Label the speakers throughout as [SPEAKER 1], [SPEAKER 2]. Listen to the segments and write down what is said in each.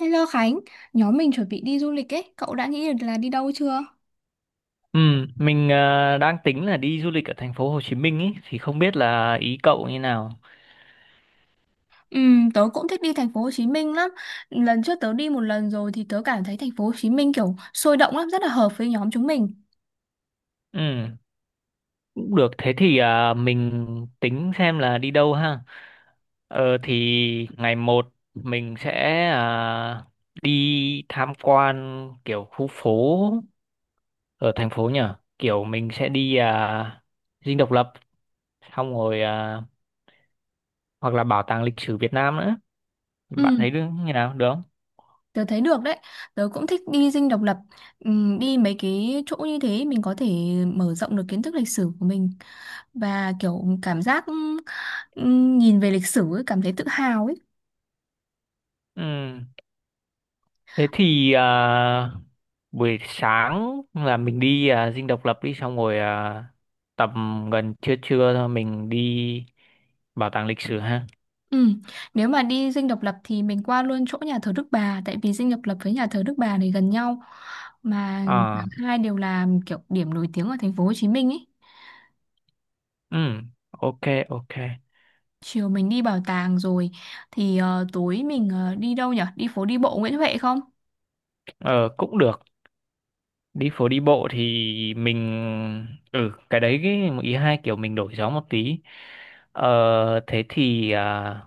[SPEAKER 1] Hello Khánh, nhóm mình chuẩn bị đi du lịch ấy, cậu đã nghĩ được là đi đâu chưa?
[SPEAKER 2] Ừ, mình đang tính là đi du lịch ở thành phố Hồ Chí Minh ấy thì không biết là ý cậu như nào.
[SPEAKER 1] Ừ, tớ cũng thích đi thành phố Hồ Chí Minh lắm. Lần trước tớ đi một lần rồi thì tớ cảm thấy thành phố Hồ Chí Minh kiểu sôi động lắm, rất là hợp với nhóm chúng mình.
[SPEAKER 2] Ừ, cũng được. Thế thì mình tính xem là đi đâu ha. Ờ thì ngày một mình sẽ đi tham quan kiểu khu phố ở thành phố nhỉ. Kiểu mình sẽ đi Dinh Độc Lập xong rồi hoặc là Bảo tàng lịch sử Việt Nam nữa. Bạn
[SPEAKER 1] Ừ,
[SPEAKER 2] thấy được như nào được không?
[SPEAKER 1] tớ thấy được đấy. Tớ cũng thích đi Dinh Độc Lập. Ừ, đi mấy cái chỗ như thế mình có thể mở rộng được kiến thức lịch sử của mình và kiểu cảm giác ừ, nhìn về lịch sử ấy, cảm thấy tự hào ấy.
[SPEAKER 2] Ừ. Thế thì buổi sáng là mình đi Dinh Độc Lập đi xong rồi tầm gần trưa trưa thôi mình đi bảo tàng lịch sử ha.
[SPEAKER 1] Ừ. Nếu mà đi Dinh Độc Lập thì mình qua luôn chỗ nhà thờ Đức Bà tại vì Dinh Độc Lập với nhà thờ Đức Bà này gần nhau mà
[SPEAKER 2] À,
[SPEAKER 1] cả hai đều là kiểu điểm nổi tiếng ở thành phố Hồ Chí Minh ấy.
[SPEAKER 2] ừ, ok, ok.
[SPEAKER 1] Chiều mình đi bảo tàng rồi thì tối mình đi đâu nhở? Đi phố đi bộ Nguyễn Huệ không?
[SPEAKER 2] Ờ, cũng được. Đi phố đi bộ thì mình ừ cái đấy cái một ý hai kiểu mình đổi gió một tí. Ờ, thế thì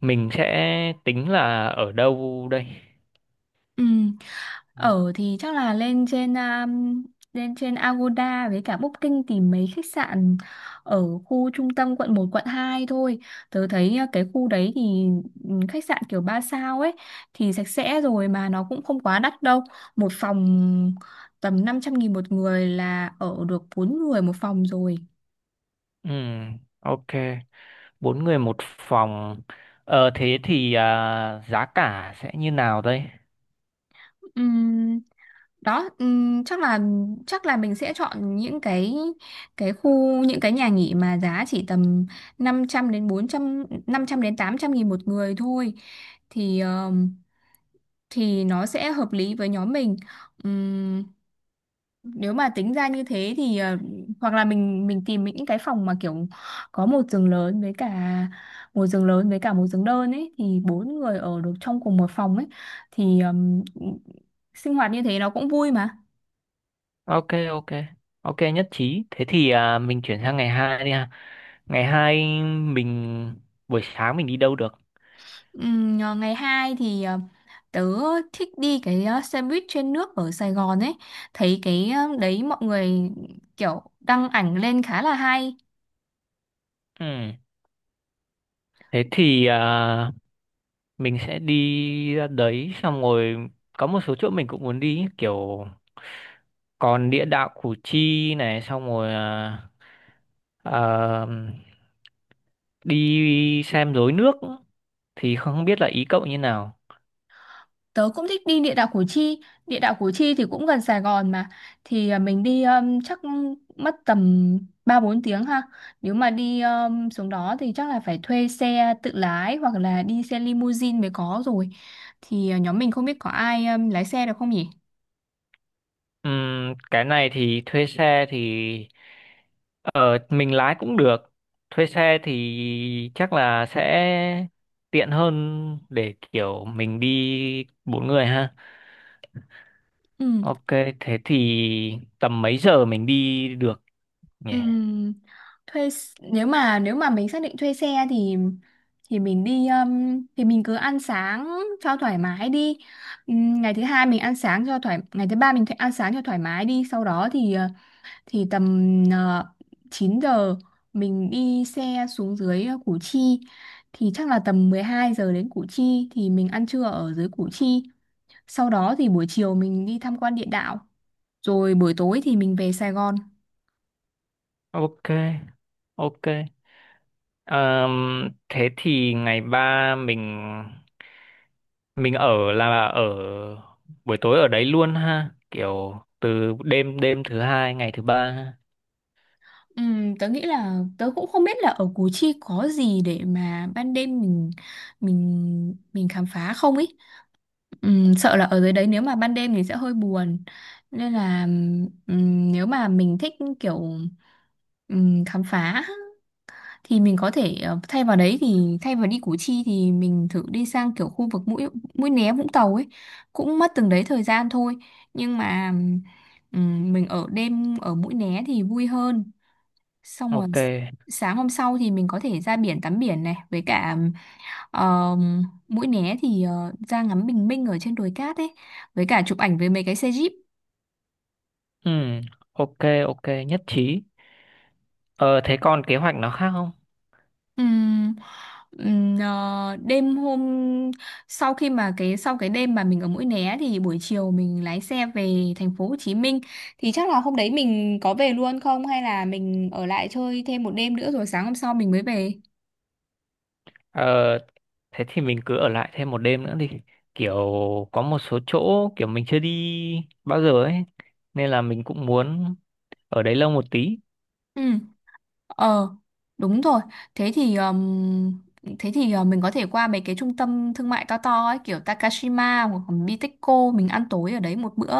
[SPEAKER 2] mình sẽ tính là ở đâu đây?
[SPEAKER 1] Ừ.
[SPEAKER 2] Ừ,
[SPEAKER 1] Ở thì chắc là lên trên lên trên Agoda với cả Booking tìm mấy khách sạn ở khu trung tâm quận một quận 2 thôi. Tớ thấy cái khu đấy thì khách sạn kiểu 3 sao ấy thì sạch sẽ rồi mà nó cũng không quá đắt đâu. Một phòng tầm 500.000 một người là ở được 4 người một phòng rồi.
[SPEAKER 2] ừ, ok. Bốn người một phòng, thế thì giá cả sẽ như nào đây?
[SPEAKER 1] Đó, chắc là mình sẽ chọn những cái khu những cái nhà nghỉ mà giá chỉ tầm năm trăm đến 800 nghìn một người thôi thì ờm, thì nó sẽ hợp lý với nhóm mình. Ừm, Nếu mà tính ra như thế thì hoặc là mình tìm những cái phòng mà kiểu có một giường lớn với cả một giường lớn với cả một giường đơn ấy thì bốn người ở được trong cùng một phòng ấy thì sinh hoạt như thế nó cũng vui mà.
[SPEAKER 2] Ok, ok, ok, nhất trí. Thế thì mình chuyển sang ngày hai đi ha. Ngày hai mình buổi sáng mình đi đâu được?
[SPEAKER 1] Ờ, Ngày 2 thì tớ thích đi cái xe buýt trên nước ở Sài Gòn ấy, thấy cái đấy mọi người kiểu đăng ảnh lên khá là hay.
[SPEAKER 2] Ừ. Thế thì mình sẽ đi ra đấy xong rồi có một số chỗ mình cũng muốn đi kiểu còn địa đạo Củ Chi này xong rồi ờ, đi xem rối nước thì không biết là ý cậu như nào.
[SPEAKER 1] Tớ cũng thích đi địa đạo Củ Chi. Địa đạo Củ Chi thì cũng gần Sài Gòn mà, thì mình đi chắc mất tầm ba bốn tiếng ha. Nếu mà đi xuống đó thì chắc là phải thuê xe tự lái hoặc là đi xe limousine mới có rồi, thì nhóm mình không biết có ai lái xe được không nhỉ.
[SPEAKER 2] Cái này thì thuê xe thì ờ, mình lái cũng được. Thuê xe thì chắc là sẽ tiện hơn để kiểu mình đi bốn người ha.
[SPEAKER 1] Ừ.
[SPEAKER 2] Ok, thế thì tầm mấy giờ mình đi được nhỉ?
[SPEAKER 1] Ừm, nếu mà mình xác định thuê xe thì mình đi thì mình cứ ăn sáng cho thoải mái đi. Ngày thứ hai mình ăn sáng cho thoải Ngày thứ ba mình ăn sáng cho thoải mái đi, sau đó thì thì tầm 9 giờ mình đi xe xuống dưới Củ Chi, thì chắc là tầm 12 giờ đến Củ Chi thì mình ăn trưa ở dưới Củ Chi, sau đó thì buổi chiều mình đi tham quan địa đạo, rồi buổi tối thì mình về Sài Gòn.
[SPEAKER 2] Ok, ok. Ờm, Thế thì ngày ba mình ở là ở buổi tối ở đấy luôn ha, kiểu từ đêm đêm thứ hai ngày thứ ba ha.
[SPEAKER 1] Tớ nghĩ là tớ cũng không biết là ở Củ Chi có gì để mà ban đêm mình khám phá không ý. Sợ là ở dưới đấy nếu mà ban đêm thì sẽ hơi buồn. Nên là nếu mà mình thích kiểu khám phá thì mình có thể thay vào đi Củ Chi thì mình thử đi sang kiểu khu vực Mũi Mũi Né Vũng Tàu ấy, cũng mất từng đấy thời gian thôi, nhưng mà mình ở đêm ở Mũi Né thì vui hơn, xong rồi
[SPEAKER 2] Ok.
[SPEAKER 1] sáng hôm sau thì mình có thể ra biển, tắm biển này với cả Mũi Né thì ra ngắm bình minh ở trên đồi cát ấy, với cả chụp ảnh với mấy cái xe jeep.
[SPEAKER 2] Ừm, ok, ok, nhất trí. Ờ, thế còn kế hoạch nó khác không?
[SPEAKER 1] Ừm, Đêm hôm sau, khi mà sau cái đêm mà mình ở Mũi Né thì buổi chiều mình lái xe về thành phố Hồ Chí Minh, thì chắc là hôm đấy mình có về luôn không hay là mình ở lại chơi thêm một đêm nữa rồi sáng hôm sau mình mới về.
[SPEAKER 2] Ờ, thế thì mình cứ ở lại thêm một đêm nữa đi. Kiểu có một số chỗ kiểu mình chưa đi bao giờ ấy nên là mình cũng muốn ở đấy lâu một tí.
[SPEAKER 1] Ừ. Ờ, đúng rồi. Thế thì mình có thể qua mấy cái trung tâm thương mại to to ấy, kiểu Takashima hoặc là Bitexco, mình ăn tối ở đấy một bữa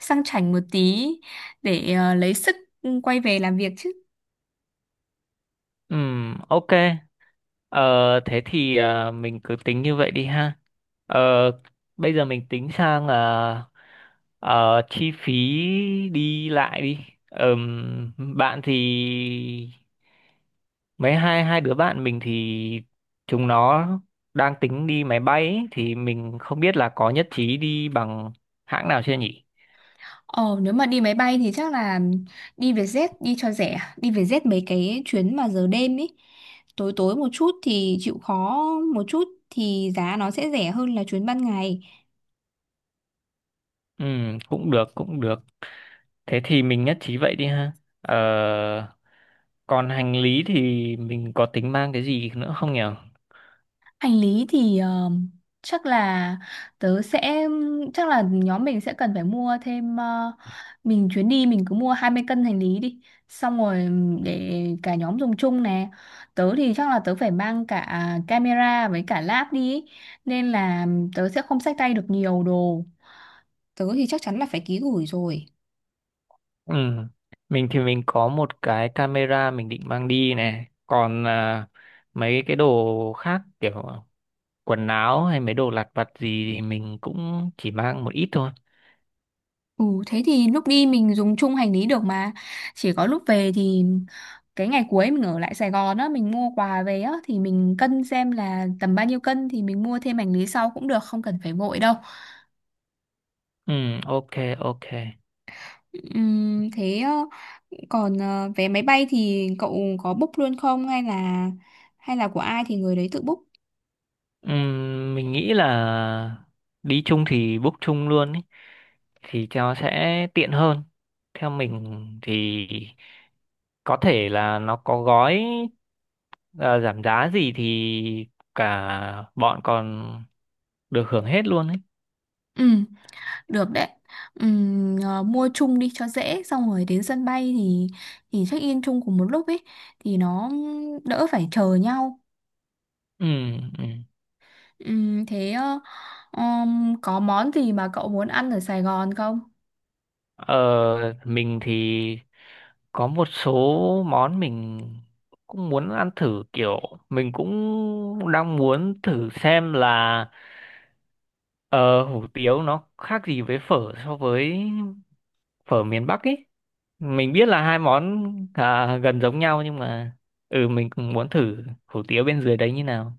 [SPEAKER 1] sang chảnh một tí để lấy sức quay về làm việc chứ.
[SPEAKER 2] Ok. Ờ, thế thì mình cứ tính như vậy đi ha. Ờ, bây giờ mình tính sang là chi phí đi lại đi. Bạn thì mấy hai hai đứa bạn mình thì chúng nó đang tính đi máy bay ấy, thì mình không biết là có nhất trí đi bằng hãng nào chưa nhỉ?
[SPEAKER 1] Ờ, nếu mà đi máy bay thì chắc là đi Vietjet đi cho rẻ, đi Vietjet mấy cái chuyến mà giờ đêm ấy. Tối tối một chút thì chịu khó một chút thì giá nó sẽ rẻ hơn là chuyến ban ngày.
[SPEAKER 2] Ừ, cũng được, cũng được. Thế thì mình nhất trí vậy đi ha. Ờ, còn hành lý thì mình có tính mang cái gì nữa không nhỉ?
[SPEAKER 1] Hành lý thì chắc là tớ sẽ chắc là nhóm mình sẽ cần phải mua thêm, mình chuyến đi mình cứ mua 20 cân hành lý đi, xong rồi để cả nhóm dùng chung nè. Tớ thì chắc là tớ phải mang cả camera với cả lab đi ý, nên là tớ sẽ không xách tay được nhiều đồ, tớ thì chắc chắn là phải ký gửi rồi.
[SPEAKER 2] Ừ. Mình thì mình có một cái camera mình định mang đi này. Còn mấy cái đồ khác kiểu quần áo hay mấy đồ lặt vặt gì thì mình cũng chỉ mang một ít thôi.
[SPEAKER 1] Ừ, thế thì lúc đi mình dùng chung hành lý được mà, chỉ có lúc về thì cái ngày cuối mình ở lại Sài Gòn á, mình mua quà về á thì mình cân xem là tầm bao nhiêu cân thì mình mua thêm hành lý sau cũng được, không cần phải vội đâu.
[SPEAKER 2] Ừ, ok, ok.
[SPEAKER 1] Thế còn vé máy bay thì cậu có book luôn không hay là của ai thì người đấy tự book.
[SPEAKER 2] Ừ, mình nghĩ là đi chung thì book chung luôn ý. Thì cho sẽ tiện hơn. Theo mình thì có thể là nó có gói ờ, giảm giá gì thì cả bọn còn được hưởng hết luôn ấy.
[SPEAKER 1] Ừ, được đấy. Mua chung đi cho dễ, xong rồi đến sân bay thì check in chung cùng một lúc ấy thì nó đỡ phải chờ nhau.
[SPEAKER 2] Ừ, ừ.
[SPEAKER 1] Thế có món gì mà cậu muốn ăn ở Sài Gòn không?
[SPEAKER 2] Ờ, mình thì có một số món mình cũng muốn ăn thử kiểu mình cũng đang muốn thử xem là ờ, hủ tiếu nó khác gì với phở so với phở miền Bắc ý. Mình biết là hai món gần giống nhau nhưng mà mình cũng muốn thử hủ tiếu bên dưới đấy như nào.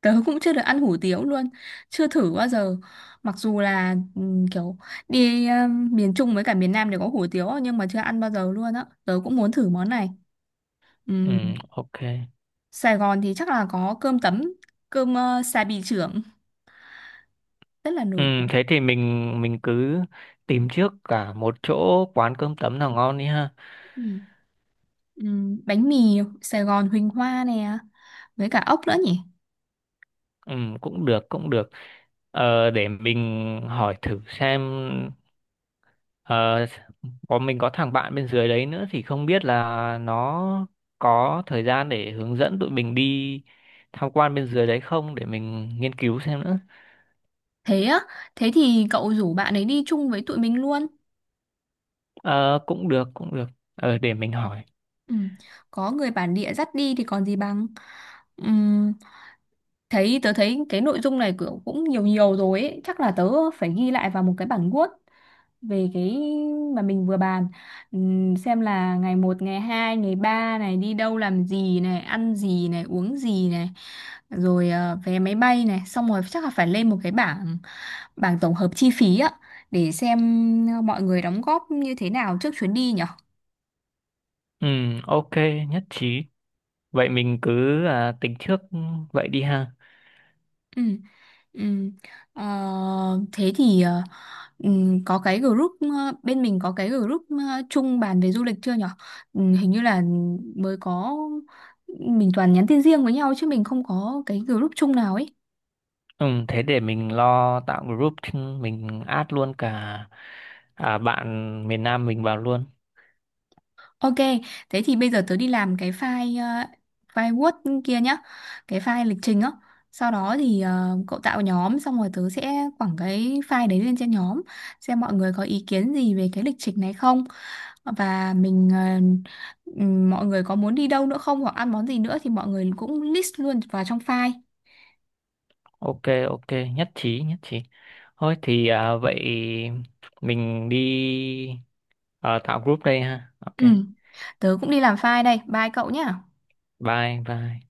[SPEAKER 1] Tớ cũng chưa được ăn hủ tiếu luôn, chưa thử bao giờ. Mặc dù là kiểu đi miền Trung với cả miền Nam đều có hủ tiếu nhưng mà chưa ăn bao giờ luôn á. Tớ cũng muốn thử món này.
[SPEAKER 2] Ừ,
[SPEAKER 1] Ừm,
[SPEAKER 2] ok,
[SPEAKER 1] Sài Gòn thì chắc là có cơm tấm, cơm xà bì trưởng rất là
[SPEAKER 2] ừ,
[SPEAKER 1] nổi tiếng.
[SPEAKER 2] thế thì mình cứ tìm trước cả một chỗ quán cơm tấm nào ngon đi ha.
[SPEAKER 1] Ừm, Bánh mì Sài Gòn Huỳnh Hoa nè, với cả ốc nữa nhỉ?
[SPEAKER 2] Ừ, cũng được, cũng được. Ờ, để mình hỏi thử xem, ờ, mình có thằng bạn bên dưới đấy nữa thì không biết là nó có thời gian để hướng dẫn tụi mình đi tham quan bên dưới đấy không, để mình nghiên cứu xem nữa.
[SPEAKER 1] Thế á, thế thì cậu rủ bạn ấy đi chung với tụi mình luôn.
[SPEAKER 2] Ờ, cũng được, cũng được. Ờ, để mình hỏi.
[SPEAKER 1] Ừ. Có người bản địa dắt đi thì còn gì bằng. Ừm, Tớ thấy cái nội dung này kiểu cũng nhiều nhiều rồi ấy. Chắc là tớ phải ghi lại vào một cái bản Word về cái mà mình vừa bàn. Xem là ngày một ngày 2 ngày 3 này đi đâu làm gì này, ăn gì này, uống gì này, rồi vé máy bay này, xong rồi chắc là phải lên một cái bảng bảng tổng hợp chi phí á để xem mọi người đóng góp như thế nào trước chuyến đi nhở.
[SPEAKER 2] Ừ, ok, nhất trí. Vậy mình cứ tính trước vậy đi ha.
[SPEAKER 1] Ừ. Ừ. Ờ, thế thì ừ, có cái group ờ, bên mình có cái group chung bàn về du lịch chưa nhở? Ừ, hình như là mới có, mình toàn nhắn tin riêng với nhau chứ mình không có cái group chung nào ấy.
[SPEAKER 2] Ừ, thế để mình lo tạo group, thì mình add luôn cả bạn miền Nam mình vào luôn.
[SPEAKER 1] Ok, thế thì bây giờ tớ đi làm file Word kia nhá, cái file lịch trình á. Sau đó thì cậu tạo nhóm xong rồi tớ sẽ quẳng cái file đấy lên trên nhóm xem mọi người có ý kiến gì về cái lịch trình này không. Và mọi người có muốn đi đâu nữa không hoặc ăn món gì nữa thì mọi người cũng list luôn vào trong file.
[SPEAKER 2] Ok, ok, nhất trí, nhất trí. Thôi thì vậy mình đi tạo group đây ha. Ok,
[SPEAKER 1] Ừ, tớ cũng đi làm file đây. Bye cậu nhá.
[SPEAKER 2] bye, bye.